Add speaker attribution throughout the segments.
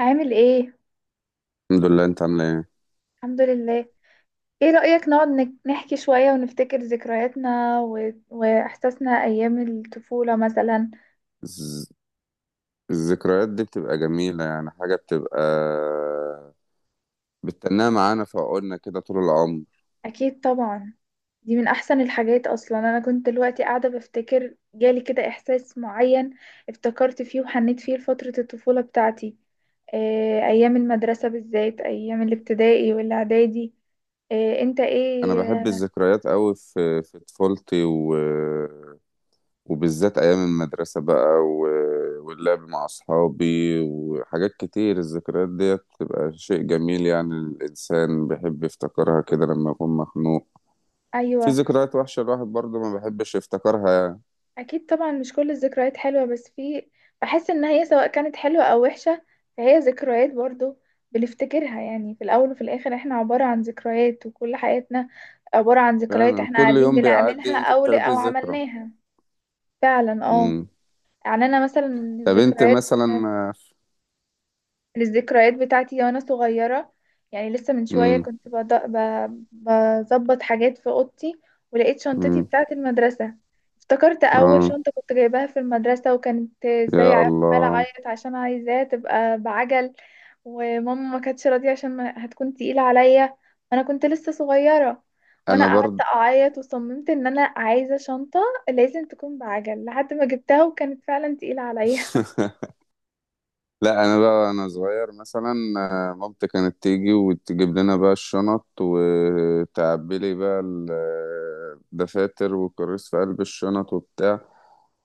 Speaker 1: عامل ايه؟
Speaker 2: الحمد لله، انت عامل ايه؟
Speaker 1: الحمد لله. ايه رأيك نقعد نحكي شوية ونفتكر ذكرياتنا واحساسنا ايام الطفولة مثلا؟
Speaker 2: الز- الذكريات دي بتبقى جميلة، يعني حاجة بتبقى بتتناها معانا في عقولنا كده طول العمر.
Speaker 1: اكيد طبعا. دي من احسن الحاجات اصلا. انا كنت دلوقتي قاعدة بفتكر، جالي كده احساس معين، افتكرت فيه وحنيت فيه لفترة الطفولة بتاعتي. إيه ايام المدرسة بالذات، ايام الابتدائي والاعدادي. إيه انت
Speaker 2: انا
Speaker 1: ايه؟
Speaker 2: بحب الذكريات قوي في طفولتي وبالذات ايام المدرسة بقى، واللعب مع اصحابي وحاجات كتير. الذكريات دي بتبقى شيء جميل، يعني الانسان بيحب يفتكرها كده لما يكون مخنوق. في
Speaker 1: ايوه.
Speaker 2: ذكريات وحشة الواحد برضه ما بيحبش يفتكرها يعني.
Speaker 1: اكيد طبعا، مش كل الذكريات حلوه بس في. بحس ان هي سواء كانت حلوه او وحشه فهي ذكريات برضو بنفتكرها. يعني في الاول وفي الاخر احنا عباره عن ذكريات، وكل حياتنا عباره عن ذكريات
Speaker 2: يعني
Speaker 1: احنا
Speaker 2: كل
Speaker 1: قاعدين
Speaker 2: يوم بيعدي
Speaker 1: بنعملها
Speaker 2: انت
Speaker 1: او
Speaker 2: بتاخديه
Speaker 1: او
Speaker 2: ذكرى.
Speaker 1: عملناها. فعلا، اه. يعني انا مثلا
Speaker 2: طب انت
Speaker 1: الذكريات،
Speaker 2: مثلا.
Speaker 1: للذكريات بتاعتي وانا صغيرة، يعني لسه من شوية
Speaker 2: امم.
Speaker 1: كنت بظبط حاجات في اوضتي، ولقيت شنطتي
Speaker 2: امم.
Speaker 1: بتاعت المدرسة. افتكرت اول
Speaker 2: اه.
Speaker 1: شنطة كنت جايباها في المدرسة، وكانت زي
Speaker 2: يا
Speaker 1: عمالة
Speaker 2: الله.
Speaker 1: اعيط عشان عايزاها تبقى بعجل، وماما ما كانتش راضية عشان هتكون تقيلة عليا وانا كنت لسه صغيرة. وانا
Speaker 2: انا
Speaker 1: قعدت
Speaker 2: برضه.
Speaker 1: اعيط وصممت ان انا عايزة شنطة لازم تكون بعجل، لحد ما جبتها وكانت فعلا تقيلة عليا.
Speaker 2: لا، انا بقى انا صغير مثلا، مامتي كانت تيجي وتجيب لنا بقى الشنط وتعبي لي بقى الدفاتر والكراسي في قلب الشنط وبتاع.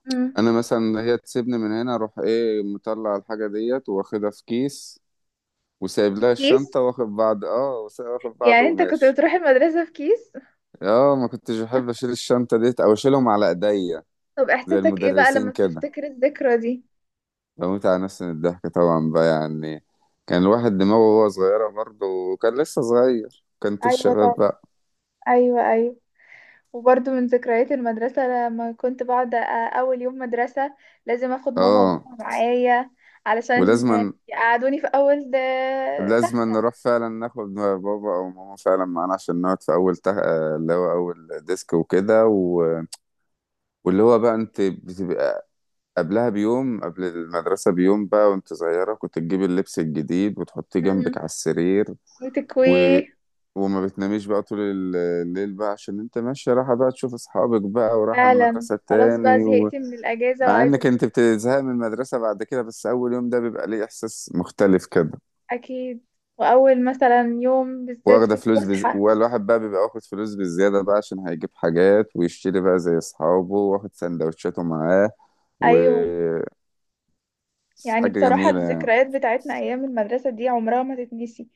Speaker 1: مم.
Speaker 2: انا مثلا هي تسيبني من هنا اروح ايه مطلع الحاجه ديت واخدها في كيس، وسايب لها
Speaker 1: الكيس،
Speaker 2: الشنطه واخد بعض، اه، واخد بعض
Speaker 1: يعني انت كنت
Speaker 2: وماشي.
Speaker 1: بتروح المدرسة في كيس؟
Speaker 2: اه، ما كنتش بحب اشيل الشنطه ديت او اشيلهم على ايديا
Speaker 1: طب
Speaker 2: زي
Speaker 1: احساسك ايه بقى
Speaker 2: المدرسين
Speaker 1: لما
Speaker 2: كده.
Speaker 1: بتفتكر الذكرى دي؟
Speaker 2: بموت على نفسي من الضحك طبعا بقى، يعني كان الواحد دماغه وهو صغيرة برضه، وكان لسه صغير، كانت
Speaker 1: ايوه
Speaker 2: الشباب
Speaker 1: طبعا.
Speaker 2: بقى.
Speaker 1: ايوه، ايوه. وبرضه من ذكريات المدرسة لما كنت بقعد اول يوم مدرسة لازم اخد ماما
Speaker 2: اه.
Speaker 1: وبابا معايا، علشان
Speaker 2: ولازما.
Speaker 1: يقعدوني في اول
Speaker 2: لازما
Speaker 1: تختة.
Speaker 2: نروح فعلا ناخد بابا او ماما فعلا معانا عشان نقعد في اللي هو اول ديسك وكده، واللي هو بقى انت بتبقى قبلها بيوم، قبل المدرسة بيوم بقى، وانت صغيرة كنت تجيبي اللبس الجديد وتحطيه جنبك
Speaker 1: مم.
Speaker 2: على السرير و...
Speaker 1: وتكويه.
Speaker 2: وما بتناميش بقى طول الليل بقى، عشان انت ماشية رايحة بقى تشوف اصحابك بقى ورايحة
Speaker 1: فعلا،
Speaker 2: المدرسة
Speaker 1: خلاص بقى
Speaker 2: تاني.
Speaker 1: زهقت من الاجازة
Speaker 2: مع
Speaker 1: وعايزة
Speaker 2: انك انت بتزهق من المدرسة بعد كده، بس اول يوم ده بيبقى ليه احساس مختلف كده.
Speaker 1: اكيد. واول مثلا يوم بالذات في الفسحة.
Speaker 2: والواحد بقى بيبقى واخد فلوس بالزيادة بقى عشان هيجيب حاجات ويشتري بقى زي اصحابه، واخد سندوتشاته معاه
Speaker 1: ايوه.
Speaker 2: وحاجة
Speaker 1: يعني بصراحة
Speaker 2: جميلة يعني.
Speaker 1: الذكريات بتاعتنا أيام المدرسة دي عمرها ما تتنسي.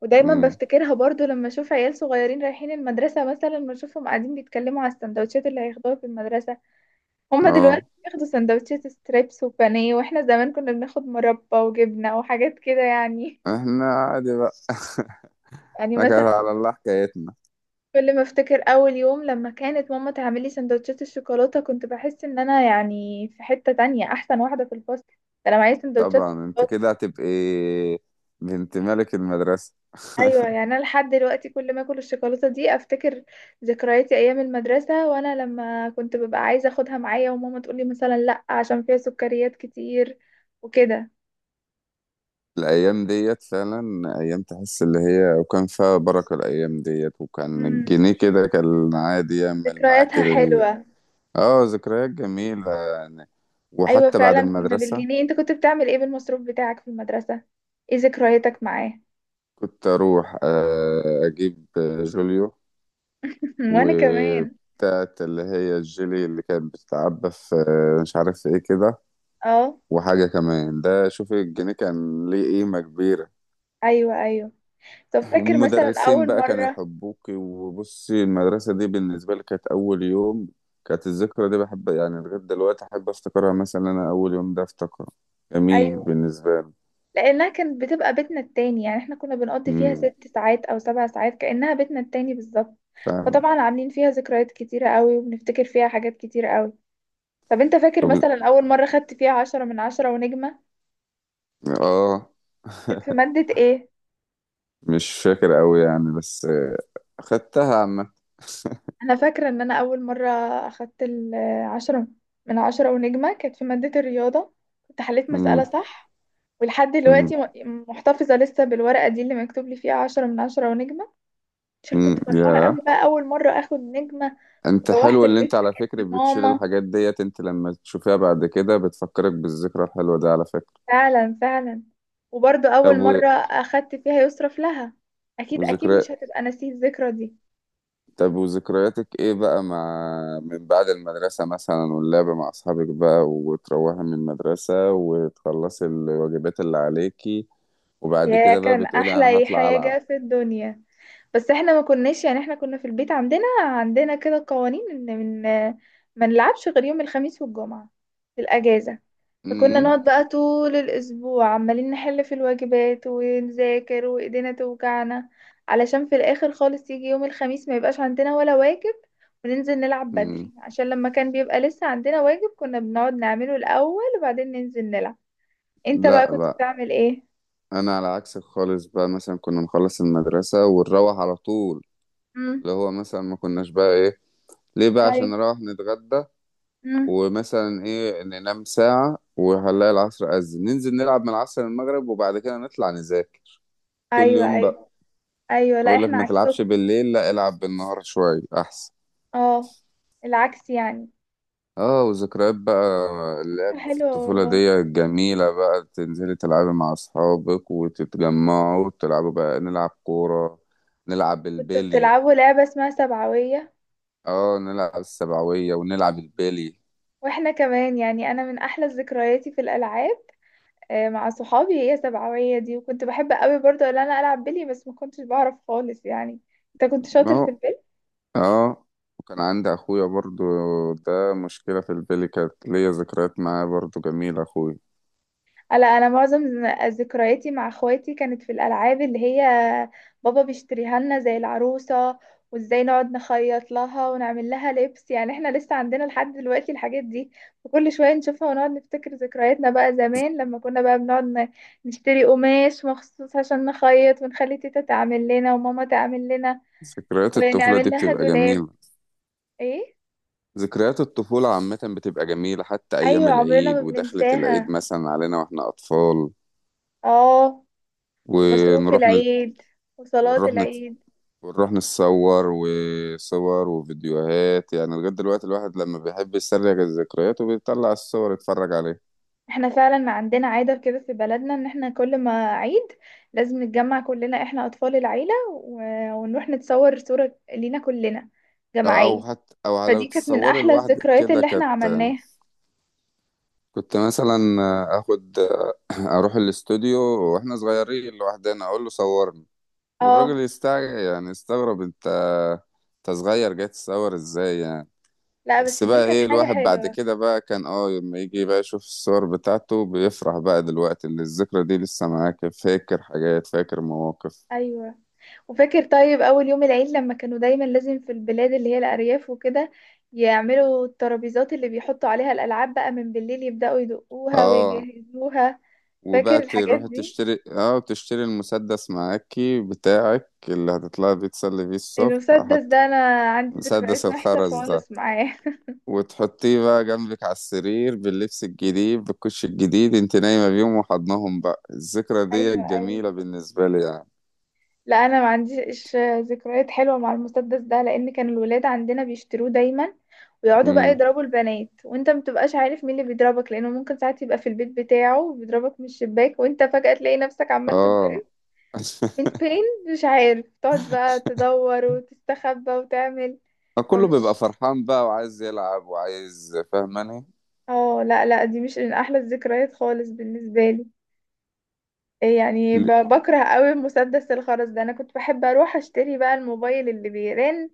Speaker 1: ودايما
Speaker 2: مم.
Speaker 1: بفتكرها برضو لما اشوف عيال صغيرين رايحين المدرسة، مثلا بشوفهم قاعدين بيتكلموا على السندوتشات اللي هياخدوها في المدرسة. هما دلوقتي
Speaker 2: اه.
Speaker 1: بياخدوا سندوتشات ستريبس وبانيه، واحنا زمان كنا بناخد مربى وجبنة وحاجات كده يعني.
Speaker 2: احنا عادي بقى.
Speaker 1: يعني
Speaker 2: احنا
Speaker 1: مثلا
Speaker 2: كده على الله حكايتنا.
Speaker 1: كل ما افتكر اول يوم لما كانت ماما تعمل لي سندوتشات الشوكولاتة كنت بحس ان انا يعني في حتة تانية، احسن واحدة في الفصل، ده انا معايا سندوتشات
Speaker 2: طبعا انت
Speaker 1: شوكولاتة.
Speaker 2: كده هتبقي بنت ملك المدرسة.
Speaker 1: ايوه، يعني انا لحد دلوقتي كل ما اكل الشوكولاته دي افتكر ذكرياتي ايام المدرسه، وانا لما كنت ببقى عايزه اخدها معايا وماما تقولي مثلا لا عشان فيها سكريات كتير وكده.
Speaker 2: الأيام ديت فعلا أيام، تحس اللي هي وكان فيها بركة الأيام ديت، وكان
Speaker 1: امم
Speaker 2: الجنيه كده كان عادي يعمل معاك
Speaker 1: ذكرياتها
Speaker 2: ال...
Speaker 1: حلوه.
Speaker 2: اه، ذكريات جميلة يعني،
Speaker 1: ايوه
Speaker 2: وحتى بعد
Speaker 1: فعلا، كنا
Speaker 2: المدرسة
Speaker 1: بالجنيه. انت كنت بتعمل ايه بالمصروف بتاعك في المدرسه؟ ايه ذكرياتك معاه؟
Speaker 2: كنت أروح أجيب جوليو
Speaker 1: وانا كمان.
Speaker 2: وبتاعت اللي هي الجيلي اللي كانت بتتعبى في، مش عارف ايه كده.
Speaker 1: اه.
Speaker 2: وحاجة كمان، ده شوفي الجنيه كان ليه قيمة كبيرة،
Speaker 1: ايوه، ايوه. طب فاكر مثلا
Speaker 2: والمدرسين
Speaker 1: اول
Speaker 2: بقى كانوا
Speaker 1: مره؟
Speaker 2: يحبوك. وبصي المدرسة دي بالنسبة لي، كانت أول يوم كانت الذكرى دي بحب يعني لغاية دلوقتي أحب أفتكرها، مثلا أنا أول يوم ده أفتكره جميل
Speaker 1: أيوة.
Speaker 2: بالنسبة لي.
Speaker 1: لانها كانت بتبقى بيتنا التاني، يعني احنا كنا بنقضي فيها
Speaker 2: أمم،
Speaker 1: 6 ساعات او 7 ساعات كانها بيتنا التاني بالظبط.
Speaker 2: فعلا.
Speaker 1: فطبعا عاملين فيها ذكريات كتيره قوي وبنفتكر فيها حاجات كتيره قوي. طب انت فاكر
Speaker 2: طب.
Speaker 1: مثلا اول مره خدت فيها 10 من 10 ونجمه؟
Speaker 2: آه.
Speaker 1: كانت في ماده ايه؟
Speaker 2: مش فاكر أوي يعني، بس خدتها عامة.
Speaker 1: انا فاكره ان انا اول مره اخدت ال10 من 10 ونجمه كانت في ماده الرياضه، كنت حليت مساله
Speaker 2: أمم.
Speaker 1: صح. ولحد
Speaker 2: أمم.
Speaker 1: دلوقتي محتفظه لسه بالورقه دي اللي مكتوب لي فيها 10 من 10 ونجمه، عشان
Speaker 2: أمم،
Speaker 1: كنت فرحانه قوي
Speaker 2: يا
Speaker 1: بقى اول مره اخد نجمه.
Speaker 2: أنت
Speaker 1: روحت
Speaker 2: حلو اللي
Speaker 1: البيت
Speaker 2: أنت على
Speaker 1: حكيت
Speaker 2: فكرة بتشيل
Speaker 1: لماما.
Speaker 2: الحاجات ديت، أنت لما تشوفها بعد كده بتفكرك بالذكرى الحلوة دي على فكرة.
Speaker 1: فعلا، فعلا. وبرضه
Speaker 2: طب
Speaker 1: أول
Speaker 2: و-
Speaker 1: مرة أخدت فيها يصرف لها. أكيد، أكيد مش
Speaker 2: وذكريات.
Speaker 1: هتبقى نسيت الذكرى دي.
Speaker 2: طب وذكرياتك ايه بقى مع من بعد المدرسة مثلا؟ واللعب مع اصحابك بقى، وتروحي من المدرسة وتخلصي الواجبات اللي عليكي وبعد
Speaker 1: يا،
Speaker 2: كده بقى
Speaker 1: كان
Speaker 2: بتقولي انا
Speaker 1: أحلى
Speaker 2: هطلع العب.
Speaker 1: حاجة في الدنيا. بس احنا ما كناش يعني، احنا كنا في البيت عندنا كده قوانين ان من ما نلعبش غير يوم الخميس والجمعة في الأجازة. فكنا
Speaker 2: امم.
Speaker 1: نقعد بقى طول الأسبوع عمالين نحل في الواجبات ونذاكر وإيدينا توجعنا، علشان في الآخر خالص يجي يوم الخميس ما يبقاش عندنا ولا واجب وننزل نلعب
Speaker 2: أمم.
Speaker 1: بدري. عشان لما كان بيبقى لسه عندنا واجب كنا بنقعد نعمله الأول وبعدين ننزل نلعب. انت بقى
Speaker 2: لا
Speaker 1: كنت
Speaker 2: بقى،
Speaker 1: بتعمل ايه؟
Speaker 2: انا على عكسك خالص بقى. مثلا كنا نخلص المدرسة ونروح على طول،
Speaker 1: امم.
Speaker 2: اللي هو مثلا ما كناش بقى ايه، ليه بقى؟ عشان
Speaker 1: ايوه.
Speaker 2: نروح نتغدى
Speaker 1: امم.
Speaker 2: ومثلا ايه ننام ساعة، وهنلاقي العصر أذن ننزل نلعب من العصر للمغرب، وبعد كده نطلع نذاكر، كل
Speaker 1: ايوه،
Speaker 2: يوم.
Speaker 1: ايوه، ايوه. لا،
Speaker 2: اقول لك
Speaker 1: احنا
Speaker 2: ما تلعبش
Speaker 1: عكسكم.
Speaker 2: بالليل، لا العب بالنهار شوية احسن.
Speaker 1: اه. العكس يعني.
Speaker 2: اه، وذكريات بقى
Speaker 1: فكرة
Speaker 2: اللعب في
Speaker 1: حلوة
Speaker 2: الطفولة
Speaker 1: والله.
Speaker 2: دي جميلة بقى، تنزلي تلعبي مع اصحابك وتتجمعوا وتلعبوا بقى، نلعب كورة، نلعب
Speaker 1: كنت
Speaker 2: البيلي.
Speaker 1: بتلعبوا لعبة اسمها سبعوية؟
Speaker 2: اه، نلعب السبعوية ونلعب البيلي.
Speaker 1: واحنا كمان، يعني انا من احلى ذكرياتي في الالعاب، مع صحابي هي سبعوية دي. وكنت بحب قوي برضه ان انا العب بلي بس ما كنتش بعرف خالص يعني. انت كنت شاطر في
Speaker 2: اه.
Speaker 1: البلي؟
Speaker 2: اه، وكان عندي اخويا برضو، ده مشكلة في البيلي كانت ليا ذكريات معاه برضو جميلة، اخويا.
Speaker 1: لا، انا معظم ذكرياتي مع اخواتي كانت في الالعاب اللي هي بابا بيشتريها لنا زي العروسه، وازاي نقعد نخيط لها ونعمل لها لبس. يعني احنا لسه عندنا لحد دلوقتي الحاجات دي، وكل شويه نشوفها ونقعد نفتكر ذكرياتنا بقى زمان لما كنا بقى بنقعد نشتري قماش مخصوص عشان نخيط ونخلي تيتا تعمل لنا وماما تعمل لنا
Speaker 2: ذكريات الطفولة دي
Speaker 1: ونعمل لها
Speaker 2: بتبقى
Speaker 1: دولاب.
Speaker 2: جميلة.
Speaker 1: ايه.
Speaker 2: ذكريات الطفولة عامة بتبقى جميلة، حتى أيام
Speaker 1: ايوه، عمرنا
Speaker 2: العيد
Speaker 1: ما
Speaker 2: ودخلة العيد
Speaker 1: بننساها.
Speaker 2: مثلا علينا وإحنا أطفال،
Speaker 1: اه. ومصروف
Speaker 2: ونروح نت...
Speaker 1: العيد وصلاه
Speaker 2: ونروح نت...
Speaker 1: العيد.
Speaker 2: ونروح نتصور وصور وفيديوهات، يعني لغاية دلوقتي الواحد لما بيحب يسرق الذكريات وبيطلع الصور يتفرج عليها.
Speaker 1: احنا فعلا عندنا عادة كده في بلدنا، ان احنا كل ما عيد لازم نتجمع كلنا، احنا اطفال العيلة ونروح نتصور صورة لينا كلنا
Speaker 2: أو
Speaker 1: جماعية.
Speaker 2: حتى أو لو
Speaker 1: فدي كانت من
Speaker 2: تتصوري
Speaker 1: احلى
Speaker 2: لوحدك
Speaker 1: الذكريات
Speaker 2: كده،
Speaker 1: اللي احنا
Speaker 2: كانت
Speaker 1: عملناها.
Speaker 2: كنت مثلا آخد أروح الاستوديو وإحنا صغيرين لوحدنا أقول له صورني، والراجل
Speaker 1: اه.
Speaker 2: يستع يعني يستغرب، أنت أنت صغير جاي تصور إزاي يعني؟
Speaker 1: لا
Speaker 2: بس
Speaker 1: بس دي
Speaker 2: بقى
Speaker 1: كانت
Speaker 2: ايه،
Speaker 1: حاجة
Speaker 2: الواحد بعد
Speaker 1: حلوة.
Speaker 2: كده بقى كان اه لما يجي بقى يشوف الصور بتاعته بيفرح بقى دلوقتي، اللي الذكرى دي لسه معاك، فاكر حاجات، فاكر مواقف.
Speaker 1: ايوه. وفاكر طيب اول يوم العيد لما كانوا دايما لازم في البلاد اللي هي الارياف وكده يعملوا الترابيزات اللي بيحطوا عليها الالعاب بقى من بالليل يبدأوا يدقوها
Speaker 2: اه،
Speaker 1: ويجهزوها؟ فاكر
Speaker 2: وبقى
Speaker 1: الحاجات
Speaker 2: تروح
Speaker 1: دي؟
Speaker 2: تشتري، اه، تشتري المسدس معاكي بتاعك اللي هتطلعي بيه تسلي بيه الصبح،
Speaker 1: المسدس
Speaker 2: حط
Speaker 1: ده انا عندي
Speaker 2: مسدس
Speaker 1: ذكريات وحشه
Speaker 2: الخرز ده
Speaker 1: خالص معاه.
Speaker 2: وتحطيه بقى جنبك على السرير باللبس الجديد بالكوش الجديد، انت نايمة بيهم وحضنهم بقى، الذكرى دي
Speaker 1: ايوه، ايوه.
Speaker 2: الجميلة بالنسبة لي يعني.
Speaker 1: لا، انا ما عنديش ذكريات حلوه مع المسدس ده، لان كان الولاد عندنا بيشتروه دايما ويقعدوا بقى
Speaker 2: امم.
Speaker 1: يضربوا البنات، وانت ما بتبقاش عارف مين اللي بيضربك، لانه ممكن ساعات يبقى في البيت بتاعه بيضربك من الشباك، وانت فجأة تلاقي نفسك عمال
Speaker 2: اه.
Speaker 1: تتضرب. من فين؟ مش عارف، تقعد بقى تدور وتستخبى وتعمل.
Speaker 2: كله بيبقى
Speaker 1: فمش،
Speaker 2: فرحان بقى وعايز يلعب وعايز، فاهماني؟
Speaker 1: اه، لا لا، دي مش من احلى الذكريات خالص بالنسبه لي. يعني
Speaker 2: ل-
Speaker 1: بكره قوي مسدس الخرز ده. انا كنت بحب اروح اشتري بقى الموبايل اللي بيرن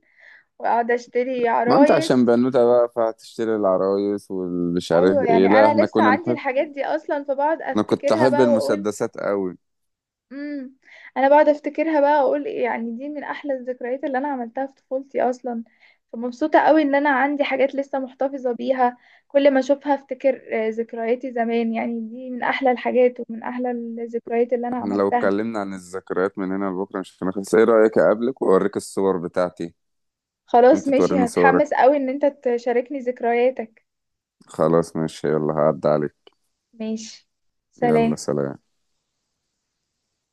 Speaker 1: واقعد اشتري
Speaker 2: ما انت
Speaker 1: عرايس.
Speaker 2: عشان بنوتة بقى فهتشتري العرايس والمش عارف
Speaker 1: ايوه
Speaker 2: ايه،
Speaker 1: يعني
Speaker 2: لا
Speaker 1: انا
Speaker 2: احنا
Speaker 1: لسه
Speaker 2: كنا
Speaker 1: عندي
Speaker 2: نحب،
Speaker 1: الحاجات دي اصلا، فبقعد
Speaker 2: انا كنت
Speaker 1: افتكرها
Speaker 2: احب
Speaker 1: بقى واقول
Speaker 2: المسدسات قوي.
Speaker 1: امم انا بقعد افتكرها بقى واقول إيه، يعني دي من احلى الذكريات اللي انا عملتها في طفولتي اصلا. فمبسوطة قوي ان انا عندي حاجات لسه محتفظة بيها، كل ما اشوفها افتكر ذكرياتي زمان. يعني دي من احلى الحاجات ومن احلى الذكريات اللي انا
Speaker 2: احنا لو
Speaker 1: عملتها.
Speaker 2: اتكلمنا عن الذكريات من هنا لبكره مش هنخلص، ايه رأيك اقابلك واوريك الصور بتاعتي
Speaker 1: خلاص
Speaker 2: وانت
Speaker 1: ماشي،
Speaker 2: توريني صورك؟
Speaker 1: هتحمس قوي ان انت تشاركني ذكرياتك.
Speaker 2: خلاص، ماشي، يلا هعدي عليك.
Speaker 1: ماشي.
Speaker 2: يلا
Speaker 1: سلام.
Speaker 2: سلام.